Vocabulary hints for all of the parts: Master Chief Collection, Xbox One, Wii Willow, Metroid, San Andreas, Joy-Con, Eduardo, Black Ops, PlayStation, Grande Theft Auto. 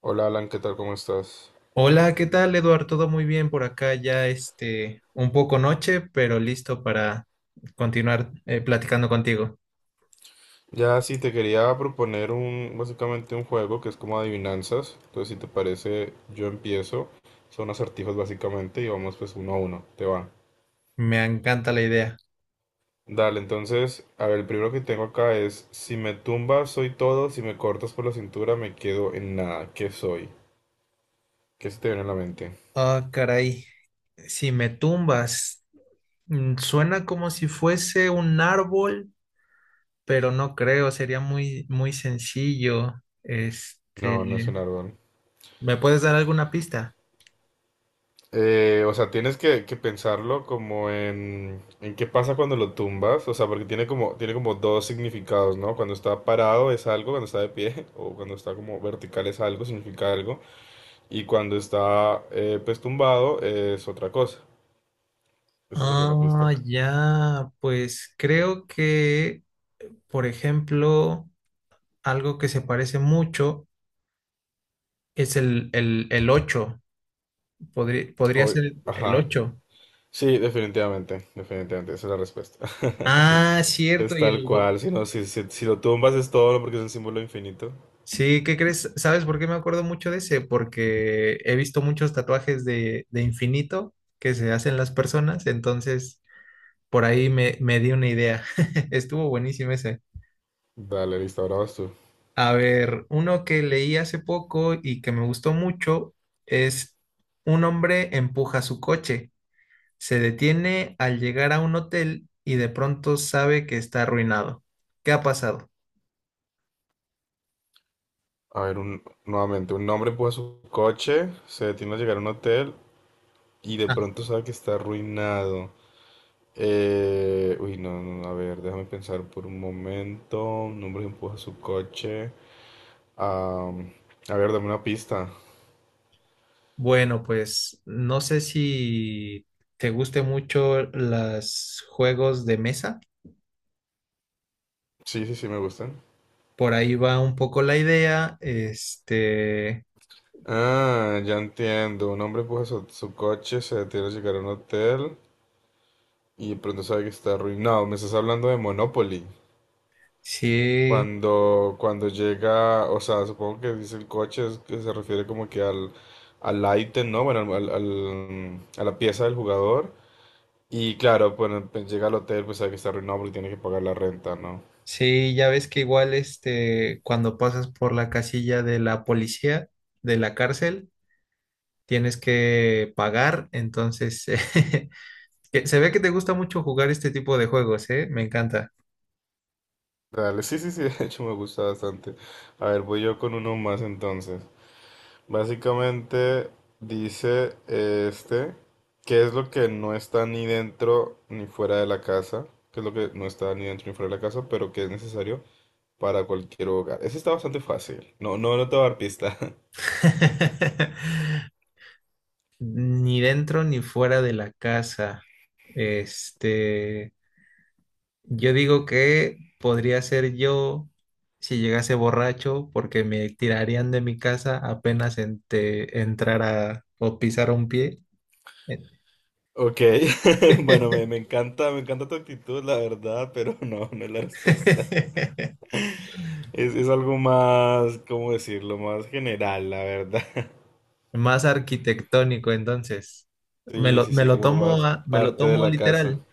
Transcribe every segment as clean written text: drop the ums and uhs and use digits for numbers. Hola Alan, ¿qué tal? ¿Cómo estás? Hola, ¿qué tal, Eduardo? Todo muy bien por acá, ya un poco noche, pero listo para continuar platicando contigo. Ya sí te quería proponer básicamente un juego que es como adivinanzas. Entonces, si te parece, yo empiezo. Son acertijos básicamente y vamos pues uno a uno. Te va. Me encanta la idea. Dale, entonces, a ver, el primero que tengo acá es, si me tumbas soy todo, si me cortas por la cintura me quedo en nada. ¿Qué soy? ¿Qué se te viene a la mente? Ah, caray, si me tumbas, suena como si fuese un árbol, pero no creo, sería muy, muy sencillo. No, no es Este, un árbol. ¿Me puedes dar alguna pista? O sea, tienes que pensarlo como en qué pasa cuando lo tumbas, o sea, porque tiene como dos significados, ¿no? Cuando está parado es algo, cuando está de pie, o cuando está como vertical es algo, significa algo, y cuando está pues tumbado es otra cosa. Esa sería la pista. Ah, ya, pues creo que, por ejemplo, algo que se parece mucho. Es el ocho. Podría Oy, ser el ajá. ocho. Sí, definitivamente, definitivamente, esa es la respuesta. Ah, Es cierto. Tal cual, si no, si lo tumbas es todo, porque es el símbolo infinito. Sí, ¿qué crees? ¿Sabes por qué me acuerdo mucho de ese? Porque he visto muchos tatuajes de infinito que se hacen las personas. Entonces, por ahí me di una idea. Estuvo buenísimo ese. Dale, listo, ahora vas tú. A ver, uno que leí hace poco y que me gustó mucho es: Un hombre empuja su coche. Se detiene al llegar a un hotel y de pronto sabe que está arruinado. ¿Qué ha pasado? A ver, nuevamente, un hombre empuja su coche, se detiene a llegar a un hotel y de Ah, pronto sabe que está arruinado. Uy, no, no, a ver, déjame pensar por un momento. Un hombre empuja su coche. Am, a ver, dame una pista. bueno, pues no sé si te guste mucho los juegos de mesa. Sí, sí, sí, me gustan. Por ahí va un poco la idea. Ah, ya entiendo. Un hombre empuja su coche, se detiene a llegar a un hotel y de pronto sabe que está arruinado. Me estás hablando de Monopoly. Sí, Cuando llega, o sea, supongo que dice el coche, es que se refiere como que al, al ítem, ¿no? Bueno, a la pieza del jugador. Y claro, bueno, pues llega al hotel, pues sabe que está arruinado porque tiene que pagar la renta, ¿no? sí, ya ves que igual cuando pasas por la casilla de la policía, de la cárcel, tienes que pagar. Entonces. Que Se ve que te gusta mucho jugar este tipo de juegos, ¿eh? Me encanta. Dale, sí, sí, sí, de hecho me gusta bastante. A ver, voy yo con uno más entonces. Básicamente dice qué es lo que no está ni dentro ni fuera de la casa, qué es lo que no está ni dentro ni fuera de la casa, pero que es necesario para cualquier hogar. Ese está bastante fácil. No, no, no te voy a dar pista. Ni dentro ni fuera de la casa. Este, yo digo que podría ser yo si llegase borracho, porque me tirarían de mi casa apenas entrara o pisara un pie. Ok, bueno, me encanta, me encanta tu actitud, la verdad, pero no, no es la respuesta. Es algo más, ¿cómo decirlo? Más general, la verdad. Más arquitectónico, entonces. Me Sí, lo, sí, me sí, lo como tomo, más a- me lo parte de tomo la casa. literal.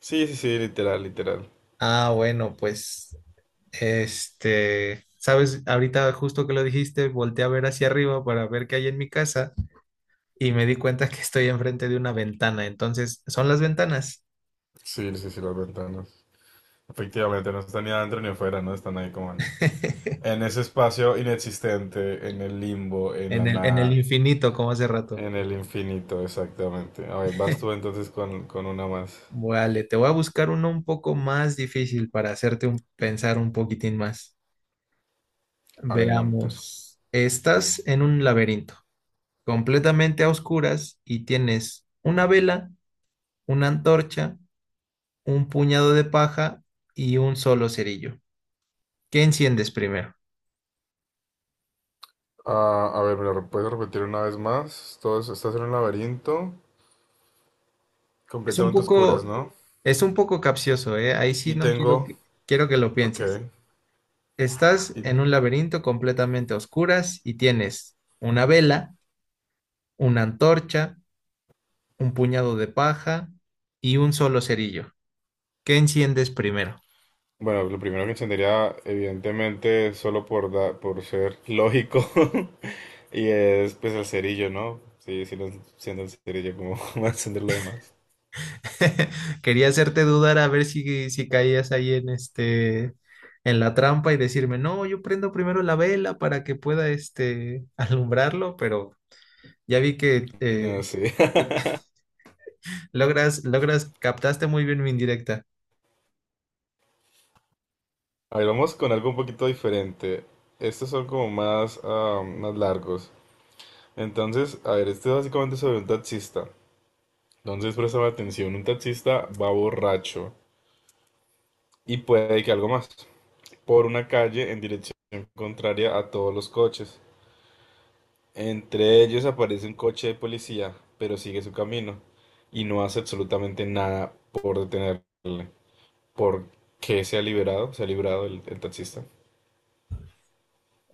Sí, sí, sí, literal, literal. Ah, bueno, pues, sabes, ahorita justo que lo dijiste, volteé a ver hacia arriba para ver qué hay en mi casa y me di cuenta que estoy enfrente de una ventana. Entonces, son las ventanas. Sí, sí, sí, las ventanas. Efectivamente, no están ni adentro ni afuera, ¿no? Están ahí como en, en ese espacio inexistente, en el limbo, en en la el, en el nada, infinito, como hace rato. en el infinito, exactamente. A ver, vas tú entonces con una más. Vale, te voy a buscar uno un poco más difícil para hacerte pensar un poquitín más. Adelante. Veamos. Estás en un laberinto, completamente a oscuras y tienes una vela, una antorcha, un puñado de paja y un solo cerillo. ¿Qué enciendes primero? Ah, a ver, ¿me lo puedes repetir una vez más? ¿Estás en un laberinto Es un completamente oscuras, poco, ¿no? es un poco capcioso, ¿eh? Ahí sí Y no tengo, quiero que lo ok, pienses. Estás y en un laberinto completamente a oscuras y tienes una vela, una antorcha, un puñado de paja y un solo cerillo. ¿Qué enciendes primero? bueno, lo primero que encendería, evidentemente, solo por ser lógico, y es pues el cerillo, ¿no? Sí, sí, no enciendo el cerillo, como ¿va a encender lo demás? Quería hacerte dudar a ver si caías ahí en en la trampa y decirme, no, yo prendo primero la vela para que pueda alumbrarlo, pero ya vi que No sé. Captaste muy bien mi indirecta. A ver, vamos con algo un poquito diferente. Estos son como más largos. Entonces, a ver, este es básicamente sobre un taxista. Entonces, presta atención, un taxista va borracho y puede que algo más por una calle en dirección contraria a todos los coches. Entre ellos aparece un coche de policía, pero sigue su camino y no hace absolutamente nada por detenerle. ¿Por qué se ha liberado? Se ha librado el taxista.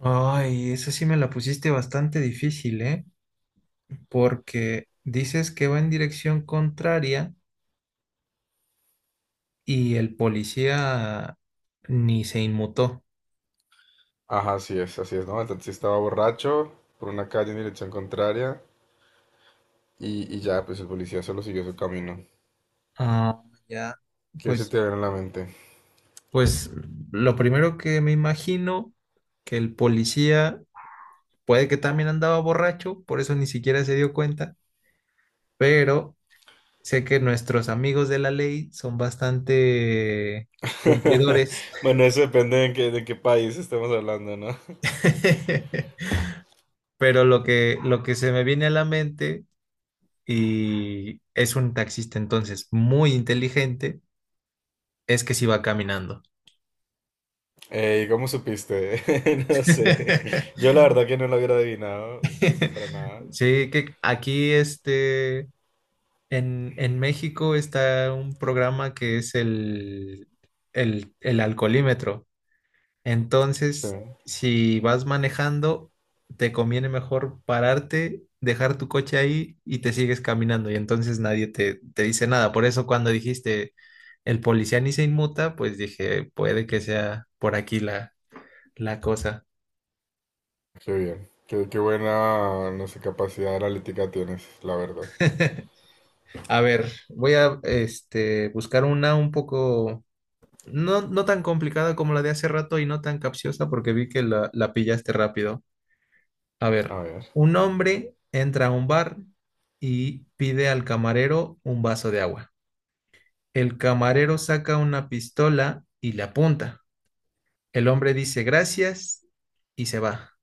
Ay, esa sí me la pusiste bastante difícil, ¿eh? Porque dices que va en dirección contraria y el policía ni se inmutó. Ajá, así es, ¿no? El taxista va borracho por una calle en dirección contraria y, ya, pues el policía solo siguió su camino. Ah, ya. ¿Qué se Pues te viene a la mente? Pues lo primero que me imagino, que el policía puede que también andaba borracho, por eso ni siquiera se dio cuenta, pero sé que nuestros amigos de la ley son bastante cumplidores. Bueno, eso depende de qué país estemos hablando, ¿no? Pero lo que, se me viene a la mente, y es un taxista entonces muy inteligente, es que si va caminando. ¿Cómo supiste? No sé. Yo la verdad que no lo hubiera adivinado para nada. Sí, que aquí En México está un programa que es el alcoholímetro. Sí. Entonces, si vas manejando, te conviene mejor pararte, dejar tu coche ahí y te sigues caminando. Y entonces nadie te dice nada. Por eso cuando dijiste el policía ni se inmuta, pues dije, puede que sea por aquí la cosa. Qué bien. Qué buena, no sé, capacidad analítica tienes, la verdad. A ver, voy a buscar una un poco. No, no tan complicada como la de hace rato y no tan capciosa porque vi que la pillaste rápido. A ver, A ver. un hombre entra a un bar y pide al camarero un vaso de agua. El camarero saca una pistola y le apunta. El hombre dice gracias y se va.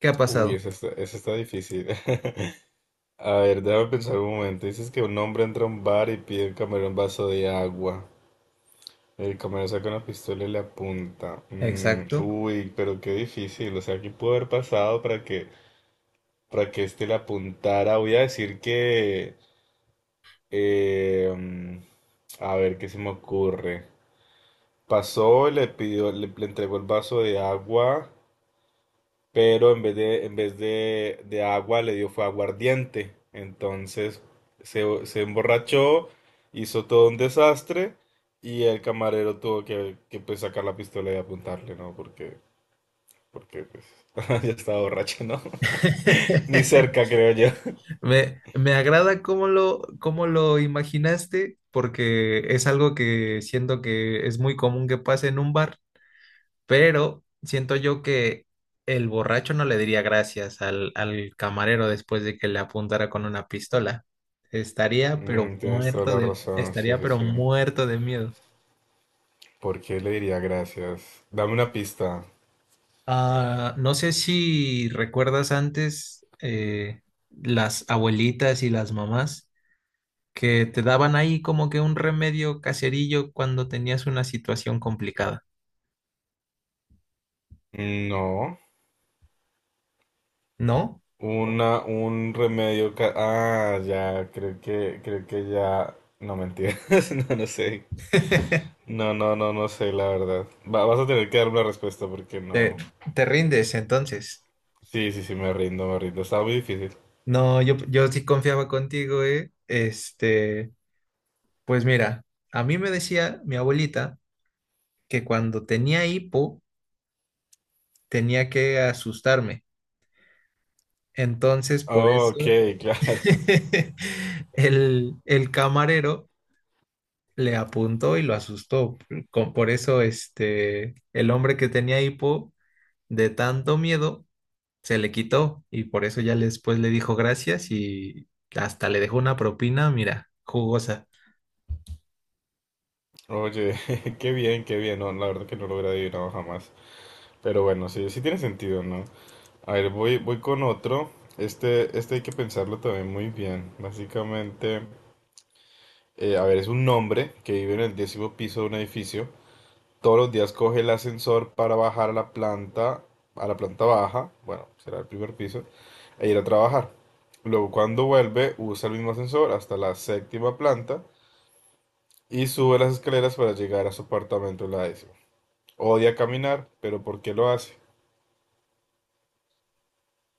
¿Qué ha Uy, pasado? Esa está difícil. A ver, déjame pensar un momento. Dices que un hombre entra a un bar y pide al camarero un vaso de agua. El camarero saca una pistola y le apunta. Exacto. Uy, pero qué difícil. O sea, ¿qué pudo haber pasado para que este le apuntara? Voy a decir que... eh, mm, a ver, ¿qué se me ocurre? Pasó, y le pidió, le entregó el vaso de agua pero en vez de agua le dio fue aguardiente. Entonces se emborrachó, hizo todo un desastre y el camarero tuvo que, pues, sacar la pistola y apuntarle, ¿no? Porque pues, ya estaba borracho, ¿no? Ni cerca, creo yo. Me agrada cómo cómo lo imaginaste, porque es algo que siento que es muy común que pase en un bar. Pero siento yo que el borracho no le diría gracias al camarero después de que le apuntara con una pistola. Tienes toda la razón, sí, Estaría sí, pero sí. muerto de miedo. ¿Por qué le diría gracias? Dame una pista. Ah, no sé si recuerdas antes las abuelitas y las mamás que te daban ahí como que un remedio caserillo cuando tenías una situación complicada, Mm, no. ¿no? Un remedio ah, ya, creo que ya. No, mentiras. No, no sé. No, no, no, no sé, la verdad. Vas a tener que dar una respuesta porque Te, no. te rindes entonces. Sí, sí, sí, me rindo, me rindo. Estaba muy difícil. No, yo sí confiaba contigo, ¿eh? Pues mira, a mí me decía mi abuelita que cuando tenía hipo tenía que asustarme. Entonces, por Ok, eso claro. el camarero le apuntó y lo asustó. Por eso, el hombre que tenía hipo de tanto miedo se le quitó, y por eso ya después le dijo gracias y hasta le dejó una propina, mira, jugosa. Oye, qué bien, qué bien. No, la verdad que no lo hubiera adivinado jamás. Pero bueno, sí, sí tiene sentido, ¿no? A ver, voy con otro. Hay que pensarlo también muy bien. Básicamente. A ver, es un hombre que vive en el décimo piso de un edificio. Todos los días coge el ascensor para bajar a la planta baja, bueno, será el primer piso, e ir a trabajar. Luego, cuando vuelve, usa el mismo ascensor hasta la séptima planta y sube las escaleras para llegar a su apartamento en la décima. Odia caminar, pero ¿por qué lo hace?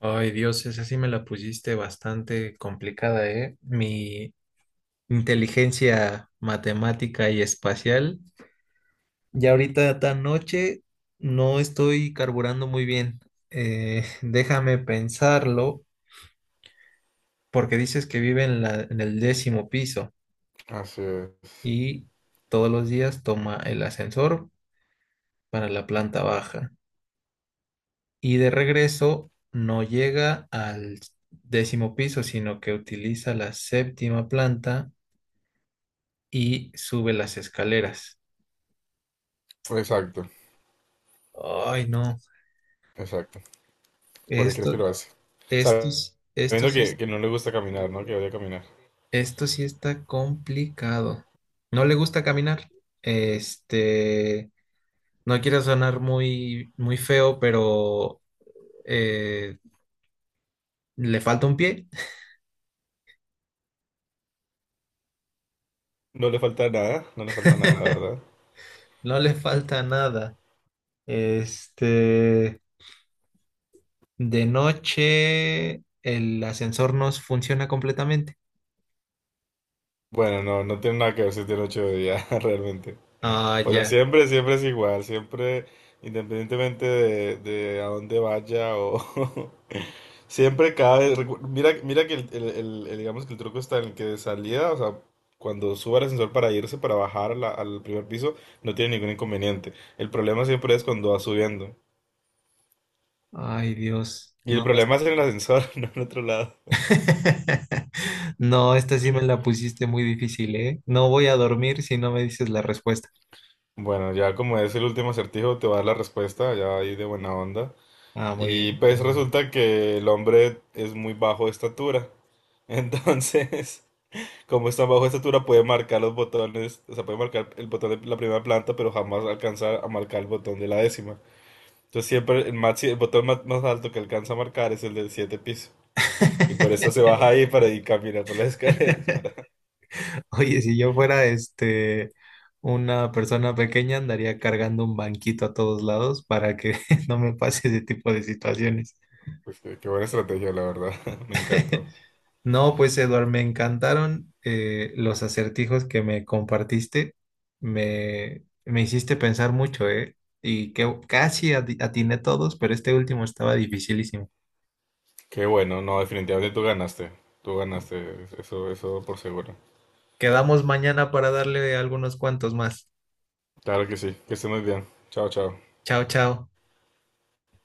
Ay, Dios, esa sí me la pusiste bastante complicada, ¿eh? Mi inteligencia matemática y espacial. Ya ahorita tan noche no estoy carburando muy bien. Déjame pensarlo, porque dices que vive en la, en el, décimo piso Así es. y todos los días toma el ascensor para la planta baja. Y de regreso no llega al décimo piso, sino que utiliza la séptima planta y sube las escaleras. Exacto, Ay, no, exacto. ¿Por qué crees que esto, lo hace? esto, s- esto Sabiendo sí, que, es- que no le gusta caminar, ¿no? Que odia caminar. esto sí está complicado. No le gusta caminar. Este, no quiero sonar muy, muy feo, pero eh, le falta un pie. No le falta nada, no le falta nada, la verdad. No le falta nada. Este, de noche el ascensor no funciona completamente. Bueno, no, no tiene nada que ver si tiene 8 días realmente. Ah, O sea, ya. siempre, siempre es igual, siempre, independientemente de a dónde vaya o... siempre cada vez... mira, mira que digamos que el truco está en el que de salida, o sea, cuando suba el ascensor para irse, para bajar al primer piso, no tiene ningún inconveniente. El problema siempre es cuando va subiendo. Ay, Dios. Y el No. problema es en el ascensor, no en otro lado. No, esta sí me la pusiste muy difícil, ¿eh? No voy a dormir si no me dices la respuesta. Bueno, ya como es el último acertijo, te voy a dar la respuesta, ya ahí de buena onda. Ah, muy Y bien. pues resulta que el hombre es muy bajo de estatura. Entonces, como es tan bajo de estatura, puede marcar los botones, o sea, puede marcar el botón de la primera planta, pero jamás alcanza a marcar el botón de la décima. Entonces siempre el botón más alto que alcanza a marcar es el del siete piso. Y por eso se baja ahí para ir caminar por las escaleras. Oye, si yo fuera una persona pequeña, andaría cargando un banquito a todos lados para que no me pase ese tipo de situaciones. Pues qué buena estrategia, la verdad. Me encantó. No, pues Eduard, me encantaron los acertijos que me compartiste. Me hiciste pensar mucho, ¿eh? Y que casi atiné todos, pero este último estaba dificilísimo. Qué bueno, no, definitivamente tú ganaste. Tú ganaste, eso por seguro. Quedamos mañana para darle algunos cuantos más. Claro que sí, que estés muy bien. Chao, chao. Chao, chao.